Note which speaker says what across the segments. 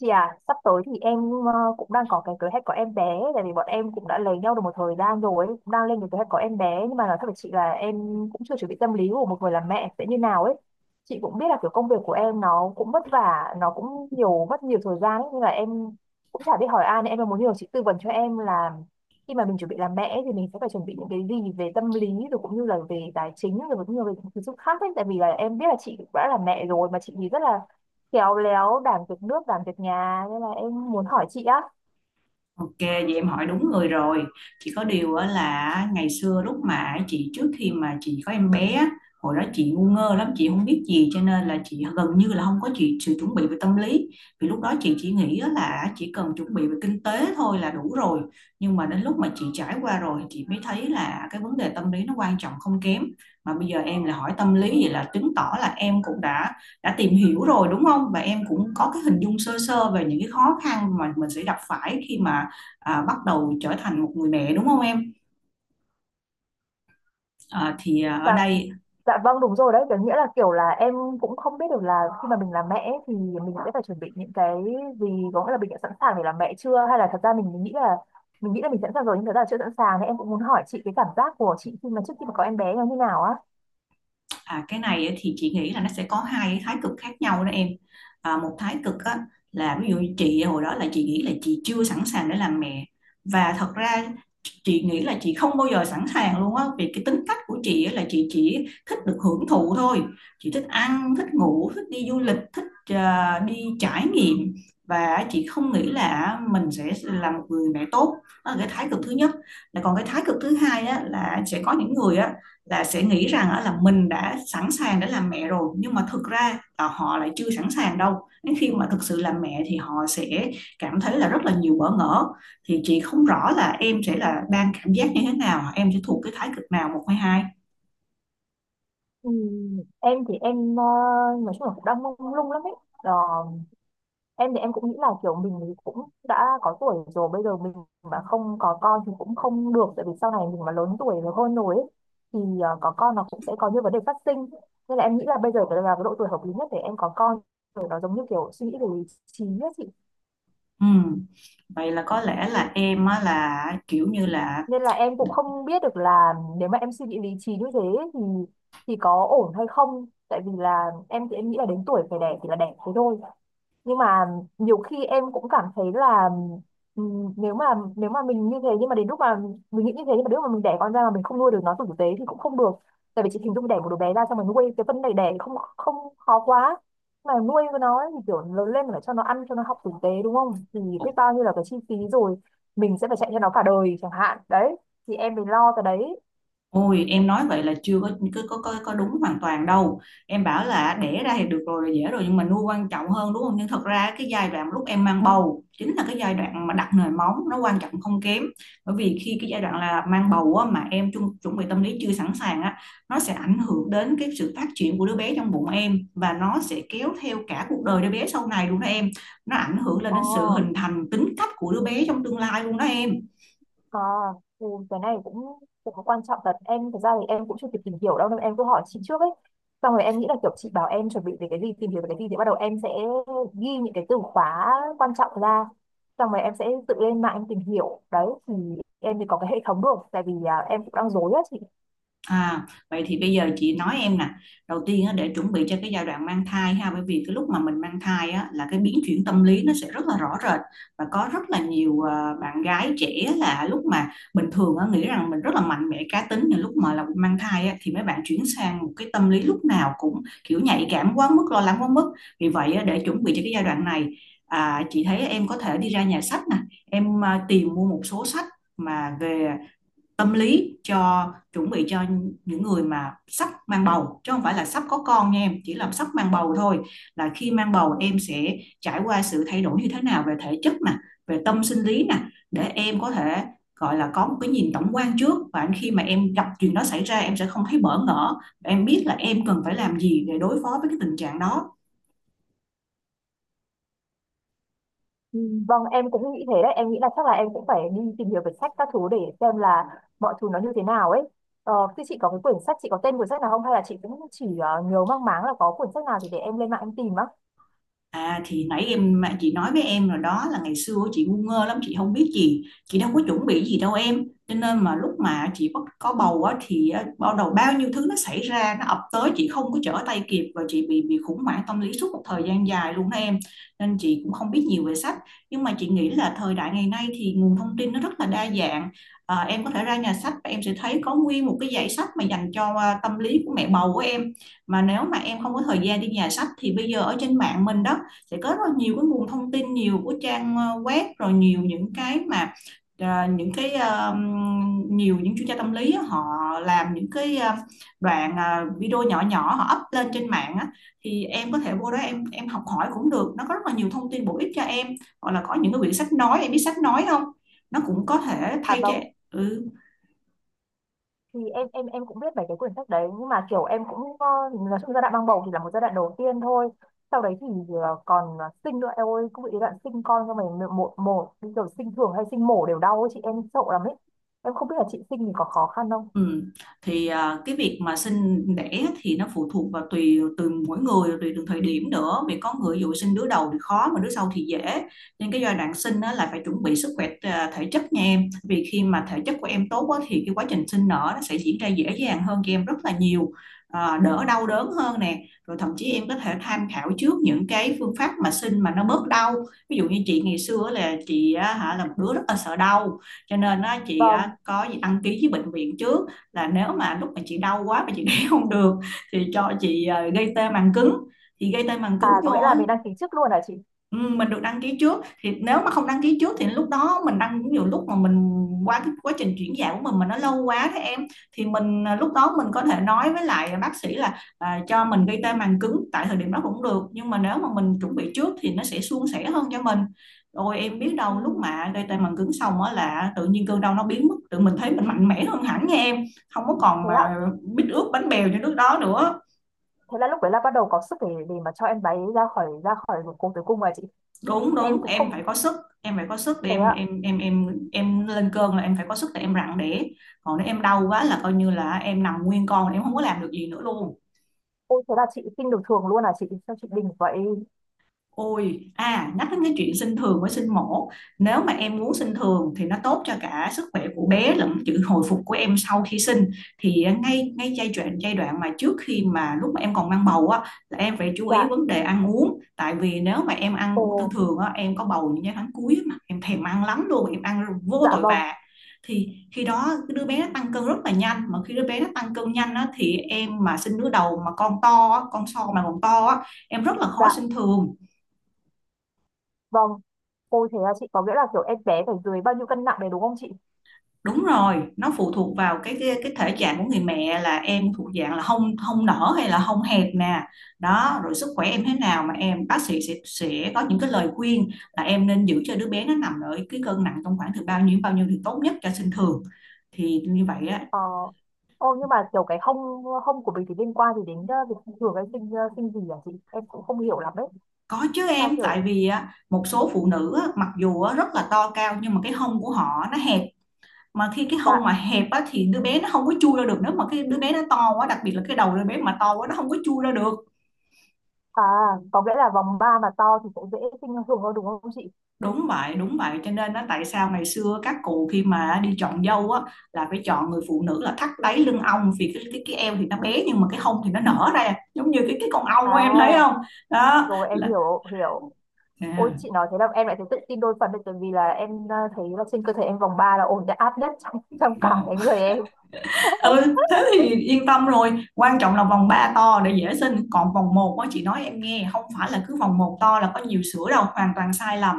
Speaker 1: Chị à, sắp tới thì em cũng đang có cái kế hoạch có em bé, tại vì bọn em cũng đã lấy nhau được một thời gian rồi, cũng đang lên cái kế hoạch có em bé. Nhưng mà nói thật với chị là em cũng chưa chuẩn bị tâm lý của một người làm mẹ sẽ như nào ấy. Chị cũng biết là kiểu công việc của em nó cũng vất vả, nó cũng nhiều, mất nhiều thời gian ấy, nhưng mà em cũng chả biết hỏi ai, nên em muốn nhờ chị tư vấn cho em là khi mà mình chuẩn bị làm mẹ ấy, thì mình sẽ phải chuẩn bị những cái gì về tâm lý, rồi cũng như là về tài chính, rồi cũng như là về những thứ khác ấy. Tại vì là em biết là chị cũng đã là mẹ rồi, mà chị thì rất là khéo léo, đảm việc nước đảm việc nhà, nên là em muốn hỏi chị á.
Speaker 2: Ok, vậy em hỏi đúng người rồi. Chỉ có điều á là ngày xưa lúc mà chị trước khi mà chị có em bé, á, hồi đó chị ngu ngơ lắm, chị không biết gì cho nên là chị gần như là không có chị sự chuẩn bị về tâm lý. Vì lúc đó chị chỉ nghĩ á là chỉ cần chuẩn bị về kinh tế thôi là đủ rồi. Nhưng mà đến lúc mà chị trải qua rồi chị mới thấy là cái vấn đề tâm lý nó quan trọng không kém. Mà bây giờ em là hỏi tâm lý vậy là chứng tỏ là em cũng đã tìm hiểu rồi đúng không? Và em cũng có cái hình dung sơ sơ về những cái khó khăn mà mình sẽ gặp phải khi mà bắt đầu trở thành một người mẹ đúng không em? À, thì à, ở
Speaker 1: Dạ.
Speaker 2: đây
Speaker 1: Dạ vâng, đúng rồi đấy, có nghĩa là kiểu là em cũng không biết được là khi mà mình làm mẹ ấy thì mình sẽ phải chuẩn bị những cái gì, có nghĩa là mình đã sẵn sàng để làm mẹ chưa, hay là thật ra mình, mình nghĩ là mình sẵn sàng rồi nhưng thật ra là chưa sẵn sàng. Nên em cũng muốn hỏi chị cái cảm giác của chị khi mà trước khi mà có em bé nó như nào á.
Speaker 2: À, Cái này thì chị nghĩ là nó sẽ có hai thái cực khác nhau đó em. Một thái cực á, là ví dụ như chị hồi đó là chị nghĩ là chị chưa sẵn sàng để làm mẹ và thật ra chị nghĩ là chị không bao giờ sẵn sàng luôn á vì cái tính cách của chị á, là chị chỉ thích được hưởng thụ thôi. Chị thích ăn, thích ngủ, thích đi du lịch, thích đi trải nghiệm và chị không nghĩ là mình sẽ là một người mẹ tốt. Đó là cái thái cực thứ nhất. Là còn cái thái cực thứ hai á, là sẽ có những người á là sẽ nghĩ rằng á là mình đã sẵn sàng để làm mẹ rồi nhưng mà thực ra là họ lại chưa sẵn sàng đâu, đến khi mà thực sự làm mẹ thì họ sẽ cảm thấy là rất là nhiều bỡ ngỡ. Thì chị không rõ là em sẽ là đang cảm giác như thế nào, em sẽ thuộc cái thái cực nào, một hay hai.
Speaker 1: Em thì em nói chung là cũng đang mông lung lắm ấy. Ờ, em thì em cũng nghĩ là kiểu mình thì cũng đã có tuổi rồi, bây giờ mình mà không có con thì cũng không được, tại vì sau này mình mà lớn tuổi rồi, hơn rồi ấy, thì có con nó cũng sẽ có những vấn đề phát sinh. Nên là em nghĩ là bây giờ là cái độ tuổi hợp lý nhất để em có con rồi, nó giống như kiểu suy nghĩ về lý trí ấy chị.
Speaker 2: Ừ, vậy là có lẽ là em á là kiểu như là…
Speaker 1: Nên là em cũng không biết được là nếu mà em suy nghĩ lý trí như thế ấy thì có ổn hay không, tại vì là em thì em nghĩ là đến tuổi phải đẻ thì là đẻ thế thôi. Nhưng mà nhiều khi em cũng cảm thấy là ừm, nếu mà nếu mà mình như thế nhưng mà đến lúc mà mình nghĩ như thế nhưng mà đến lúc mà mình đẻ con ra mà mình không nuôi được nó tử tế thì cũng không được. Tại vì chị hình dung, đẻ một đứa bé ra xong rồi nuôi, cái phân này đẻ không không khó quá, mà nuôi với nó ấy thì kiểu lớn lên phải cho nó ăn, cho nó học tử tế đúng không, thì biết bao nhiêu là cái chi phí, rồi mình sẽ phải chạy theo nó cả đời chẳng hạn đấy, thì em phải lo cái đấy.
Speaker 2: Ôi em nói vậy là chưa có có đúng hoàn toàn đâu. Em bảo là đẻ ra thì được rồi là dễ rồi nhưng mà nuôi quan trọng hơn đúng không, nhưng thật ra cái giai đoạn lúc em mang bầu chính là cái giai đoạn mà đặt nồi móng nó quan trọng không kém. Bởi vì khi cái giai đoạn là mang bầu á, mà em chuẩn bị tâm lý chưa sẵn sàng á, nó sẽ ảnh hưởng đến cái sự phát triển của đứa bé trong bụng em và nó sẽ kéo theo cả cuộc đời đứa bé sau này luôn đó em. Nó ảnh hưởng lên
Speaker 1: Ồ.
Speaker 2: đến sự hình thành tính cách của đứa bé trong tương lai luôn đó em.
Speaker 1: À, ừ, cái này cũng cũng có quan trọng thật em. Thực ra thì em cũng chưa kịp tìm hiểu đâu nên em cứ hỏi chị trước ấy, xong rồi em nghĩ là kiểu chị bảo em chuẩn bị về cái gì, tìm hiểu về cái gì thì bắt đầu em sẽ ghi những cái từ khóa quan trọng ra, xong rồi em sẽ tự lên mạng em tìm hiểu đấy, thì em thì có cái hệ thống được. Tại vì em cũng đang rối á chị.
Speaker 2: À, Vậy thì bây giờ chị nói em nè, đầu tiên á, để chuẩn bị cho cái giai đoạn mang thai ha, bởi vì cái lúc mà mình mang thai á, là cái biến chuyển tâm lý nó sẽ rất là rõ rệt, và có rất là nhiều bạn gái trẻ là lúc mà bình thường á, nghĩ rằng mình rất là mạnh mẽ cá tính, nhưng lúc mà là mang thai á, thì mấy bạn chuyển sang một cái tâm lý lúc nào cũng kiểu nhạy cảm quá mức, lo lắng quá mức. Vì vậy á, để chuẩn bị cho cái giai đoạn này, chị thấy em có thể đi ra nhà sách nè, em tìm mua một số sách mà về tâm lý cho chuẩn bị cho những người mà sắp mang bầu, chứ không phải là sắp có con nha em, chỉ là sắp mang bầu thôi. Là khi mang bầu em sẽ trải qua sự thay đổi như thế nào về thể chất nè, về tâm sinh lý nè, để em có thể gọi là có một cái nhìn tổng quan trước, và khi mà em gặp chuyện đó xảy ra em sẽ không thấy bỡ ngỡ, em biết là em cần phải làm gì để đối phó với cái tình trạng đó.
Speaker 1: Ừ. Vâng, em cũng nghĩ thế đấy. Em nghĩ là chắc là em cũng phải đi tìm hiểu về sách các thứ để xem là mọi thứ nó như thế nào ấy. Thế chị có cái quyển sách, chị có tên quyển sách nào không? Hay là chị cũng chỉ nhớ mang máng là có quyển sách nào thì để em lên mạng em tìm á.
Speaker 2: À thì nãy em mà chị nói với em rồi đó, là ngày xưa chị ngu ngơ lắm, chị không biết gì, chị đâu có chuẩn bị gì đâu em, cho nên mà lúc mà chị bắt có bầu á thì á, bắt đầu bao nhiêu thứ nó xảy ra, nó ập tới chị không có trở tay kịp, và chị bị khủng hoảng tâm lý suốt một thời gian dài luôn đó em. Nên chị cũng không biết nhiều về sách, nhưng mà chị nghĩ là thời đại ngày nay thì nguồn thông tin nó rất là đa dạng. Em có thể ra nhà sách và em sẽ thấy có nguyên một cái dãy sách mà dành cho tâm lý của mẹ bầu của em. Mà nếu mà em không có thời gian đi nhà sách thì bây giờ ở trên mạng mình đó, sẽ có rất là nhiều cái nguồn thông tin, nhiều của trang web, rồi nhiều những cái mà ờ, những cái ờ, nhiều những chuyên gia tâm lý á, họ làm những cái đoạn video nhỏ nhỏ họ up lên trên mạng á, thì em có thể vô đó em học hỏi cũng được, nó có rất là nhiều thông tin bổ ích cho em. Hoặc là có những cái quyển sách nói, em biết sách nói không, nó cũng có thể
Speaker 1: À
Speaker 2: thay cho…
Speaker 1: vâng,
Speaker 2: Ừ.
Speaker 1: thì em cũng biết mấy cái quyển sách đấy, nhưng mà kiểu em cũng ờ, nói chung giai đoạn mang bầu thì là một giai đoạn đầu tiên thôi. Sau đấy thì còn sinh nữa em ơi, cũng bị cái đoạn sinh con xong rồi, một một bây giờ sinh thường hay sinh mổ đều đau ấy, chị, em sợ lắm ấy. Em không biết là chị sinh thì có khó khăn không?
Speaker 2: Ừ. Thì à, cái việc mà sinh đẻ thì nó phụ thuộc vào tùy từ mỗi người, tùy từng thời điểm nữa, vì có người ví dụ sinh đứa đầu thì khó mà đứa sau thì dễ. Nên cái giai đoạn sinh á, là phải chuẩn bị sức khỏe thể chất nha em, vì khi mà thể chất của em tốt á, thì cái quá trình sinh nở nó sẽ diễn ra dễ dàng hơn cho em rất là nhiều, đỡ đau đớn hơn nè, rồi thậm chí em có thể tham khảo trước những cái phương pháp mà sinh mà nó bớt đau. Ví dụ như chị ngày xưa á, là chị á, hả là một đứa rất là sợ đau, cho nên á, chị á,
Speaker 1: Vâng.
Speaker 2: có gì đăng ký với bệnh viện trước, là nếu mà lúc mà chị đau quá mà chị đẻ không được thì cho chị gây tê màng cứng. Thì gây tê màng
Speaker 1: À
Speaker 2: cứng
Speaker 1: có nghĩa
Speaker 2: vô…
Speaker 1: là mình đăng ký trước luôn hả chị?
Speaker 2: Ừ, mình được đăng ký trước. Thì nếu mà không đăng ký trước thì lúc đó mình đăng, nhiều lúc mà mình qua cái quá trình chuyển dạ của mình mà nó lâu quá thế em, thì mình lúc đó mình có thể nói với lại bác sĩ là cho mình gây tê màng cứng tại thời điểm đó cũng được, nhưng mà nếu mà mình chuẩn bị trước thì nó sẽ suôn sẻ hơn cho mình. Rồi em biết đâu lúc
Speaker 1: Ừ.
Speaker 2: mà gây tê màng cứng xong á là tự nhiên cơn đau nó biến mất, tự mình thấy mình mạnh mẽ hơn hẳn nha em, không có còn
Speaker 1: Thế ạ.
Speaker 2: mà biết ướt bánh bèo như lúc đó nữa.
Speaker 1: Thế là lúc đấy là bắt đầu có sức để mà cho em bé ra khỏi vùng tử cung rồi chị.
Speaker 2: Đúng,
Speaker 1: Em
Speaker 2: đúng,
Speaker 1: cũng
Speaker 2: em
Speaker 1: không
Speaker 2: phải có sức, em phải có sức để
Speaker 1: thế
Speaker 2: em
Speaker 1: ạ.
Speaker 2: em em em em lên cơn là em phải có sức để em rặn đẻ, còn nếu em đau quá là coi như là em nằm nguyên con, em không có làm được gì nữa luôn.
Speaker 1: Ôi thế là chị sinh được thường luôn à chị? Sao chị bình vậy?
Speaker 2: Ôi, nhắc đến cái chuyện sinh thường với sinh mổ, nếu mà em muốn sinh thường thì nó tốt cho cả sức khỏe của bé lẫn sự hồi phục của em sau khi sinh. Thì à, ngay ngay giai đoạn mà trước khi mà lúc mà em còn mang bầu á, là em phải chú ý
Speaker 1: Dạ.
Speaker 2: vấn đề ăn uống. Tại vì nếu mà em ăn uống thường
Speaker 1: Ồ,
Speaker 2: thường á, em có bầu những cái tháng cuối á mà em thèm ăn lắm luôn, em ăn vô
Speaker 1: dạ
Speaker 2: tội
Speaker 1: vâng.
Speaker 2: vạ. Thì khi đó cái đứa bé nó tăng cân rất là nhanh, mà khi đứa bé nó tăng cân nhanh á, thì em mà sinh đứa đầu mà con to á, con so mà còn to á, em rất là
Speaker 1: Dạ
Speaker 2: khó sinh thường.
Speaker 1: vâng. Ôi thế là chị, có nghĩa là kiểu em bé phải dưới bao nhiêu cân nặng đấy đúng không chị?
Speaker 2: Đúng rồi, nó phụ thuộc vào cái thể trạng của người mẹ, là em thuộc dạng là hông hông nở hay là hông hẹp nè. Đó, rồi sức khỏe em thế nào mà em bác sĩ sẽ có những cái lời khuyên là em nên giữ cho đứa bé nó nằm ở cái cân nặng trong khoảng từ bao nhiêu đến bao nhiêu thì tốt nhất cho sinh thường. Thì như vậy á…
Speaker 1: Ờ. Ô nhưng mà kiểu cái hông hông của mình thì liên quan gì đến việc sinh thường hay sinh sinh gì à chị? Em cũng không hiểu lắm ấy.
Speaker 2: Có chứ
Speaker 1: Sao
Speaker 2: em, tại
Speaker 1: kiểu
Speaker 2: vì á, một số phụ nữ á, mặc dù á, rất là to cao nhưng mà cái hông của họ nó hẹp, mà khi cái hông mà
Speaker 1: dạ
Speaker 2: hẹp á, thì đứa bé nó không có chui ra được, nếu mà cái đứa bé nó to quá, đặc biệt là cái đầu đứa bé mà to quá, nó không có chui ra được.
Speaker 1: à, có nghĩa là vòng ba mà to thì sẽ dễ sinh thường hơn đúng không chị?
Speaker 2: Đúng vậy, đúng vậy. Cho nên đó, tại sao ngày xưa các cụ khi mà đi chọn dâu á, là phải chọn người phụ nữ là thắt đáy lưng ong, vì cái eo thì nó bé nhưng mà cái hông thì nó nở ra, giống như cái con ong của em thấy
Speaker 1: À,
Speaker 2: không? Đó
Speaker 1: rồi em
Speaker 2: là
Speaker 1: hiểu hiểu. Ôi
Speaker 2: à,
Speaker 1: chị nói thế là em lại thấy tự tin đôi phần đấy, tại vì là em thấy là trên cơ thể em vòng 3 là ổn đã áp nhất trong, trong cả
Speaker 2: đó.
Speaker 1: cái người em.
Speaker 2: Ừ, thế thì yên tâm rồi. Quan trọng là vòng 3 to để dễ sinh. Còn vòng một á, chị nói em nghe, không phải là cứ vòng một to là có nhiều sữa đâu, hoàn toàn sai lầm.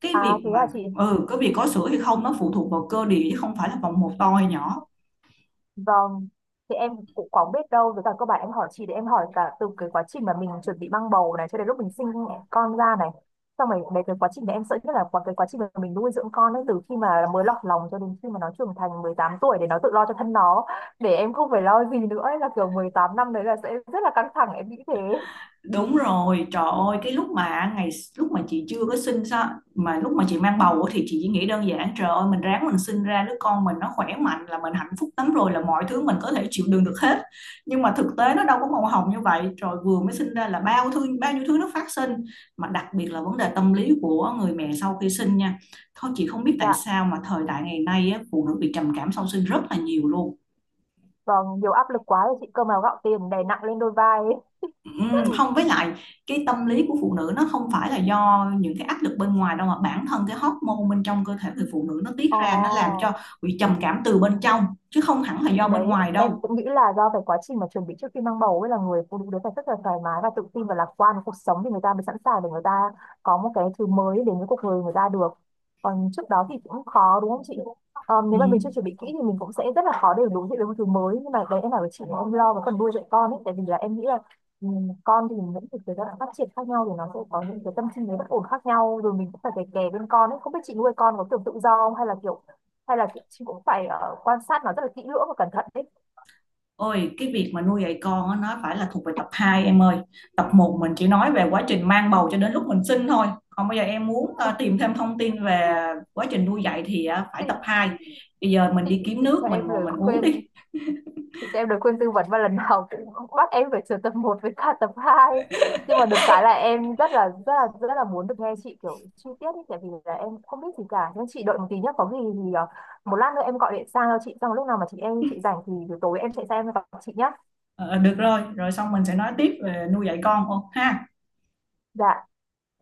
Speaker 2: Cái
Speaker 1: À
Speaker 2: việc
Speaker 1: thế
Speaker 2: mà…
Speaker 1: là chị
Speaker 2: Ừ, cái việc có sữa hay không nó phụ thuộc vào cơ địa, chứ không phải là vòng một to hay nhỏ.
Speaker 1: vâng. Thì em cũng có biết đâu, với cả các bạn em, hỏi chị để em hỏi cả từ cái quá trình mà mình chuẩn bị mang bầu này cho đến lúc mình sinh con ra này. Xong rồi về cái quá trình này em sợ nhất là quá cái quá trình mà mình nuôi dưỡng con ấy, từ khi mà mới lọt lòng cho đến khi mà nó trưởng thành 18 tuổi để nó tự lo cho thân nó, để em không phải lo gì nữa ấy, là kiểu 18 năm đấy là sẽ rất là căng thẳng em nghĩ thế.
Speaker 2: Đúng rồi, trời ơi, cái lúc mà ngày lúc mà chị chưa có sinh sao, mà lúc mà chị mang bầu á thì chị chỉ nghĩ đơn giản trời ơi mình ráng mình sinh ra đứa con mình nó khỏe mạnh là mình hạnh phúc lắm rồi, là mọi thứ mình có thể chịu đựng được hết. Nhưng mà thực tế nó đâu có màu hồng như vậy. Rồi vừa mới sinh ra là bao nhiêu thứ nó phát sinh, mà đặc biệt là vấn đề tâm lý của người mẹ sau khi sinh nha. Thôi chị không biết tại
Speaker 1: Dạ,
Speaker 2: sao mà thời đại ngày nay á, phụ nữ bị trầm cảm sau sinh rất là nhiều luôn.
Speaker 1: vâng, nhiều áp lực quá rồi chị, cơm áo gạo tiền đè nặng lên đôi vai ấy.
Speaker 2: Không với lại cái tâm lý của phụ nữ nó không phải là do những cái áp lực bên ngoài đâu, mà bản thân cái hormone bên trong cơ thể người phụ nữ nó tiết
Speaker 1: Ồ.
Speaker 2: ra nó làm cho bị trầm cảm từ bên trong, chứ không hẳn là do
Speaker 1: Thì
Speaker 2: bên
Speaker 1: đấy,
Speaker 2: ngoài
Speaker 1: em
Speaker 2: đâu.
Speaker 1: cũng nghĩ là do cái quá trình mà chuẩn bị trước khi mang bầu ấy là người phụ nữ đấy phải rất là thoải mái và tự tin và lạc quan với cuộc sống thì người ta mới sẵn sàng để người ta có một cái thứ mới đến với cuộc đời người ta được. Còn trước đó thì cũng khó đúng không chị? Ờ, nếu mà mình chưa
Speaker 2: Ừm.
Speaker 1: chuẩn bị kỹ thì mình cũng sẽ rất là khó để đối diện với một thứ mới. Nhưng mà đấy em bảo với chị là em lo cái phần nuôi dạy con ấy, tại vì là em nghĩ là ừ, con thì những cái giai đoạn phát triển khác nhau thì nó sẽ có những cái tâm sinh lý bất ổn khác nhau, rồi mình cũng phải kè kè bên con ấy. Không biết chị nuôi con có kiểu tự do không, hay là kiểu hay là chị cũng phải quan sát nó rất là kỹ lưỡng và cẩn thận đấy.
Speaker 2: Ôi cái việc mà nuôi dạy con á, nó phải là thuộc về tập 2 em ơi. Tập một mình chỉ nói về quá trình mang bầu cho đến lúc mình sinh thôi, còn bây giờ em muốn tìm thêm thông tin về quá trình nuôi dạy thì phải
Speaker 1: chị
Speaker 2: tập 2. Bây giờ mình
Speaker 1: chị
Speaker 2: đi kiếm
Speaker 1: chị
Speaker 2: nước
Speaker 1: cho
Speaker 2: mình
Speaker 1: em
Speaker 2: ngồi
Speaker 1: lời
Speaker 2: mình uống
Speaker 1: khuyên,
Speaker 2: đi.
Speaker 1: chị cho em lời khuyên tư vấn và lần nào cũng bắt em phải sửa tập một với cả tập 2. Nhưng mà được cái là em rất là rất là muốn được nghe chị kiểu chi tiết ý, tại vì là em không biết gì cả. Nhưng chị đợi một tí nhé, có gì thì một lát nữa em gọi điện sang cho chị, xong lúc nào mà chị rảnh thì buổi tối em sẽ sang em gặp chị nhé.
Speaker 2: Ờ, được rồi, rồi xong mình sẽ nói tiếp về nuôi dạy con ô ha.
Speaker 1: Dạ.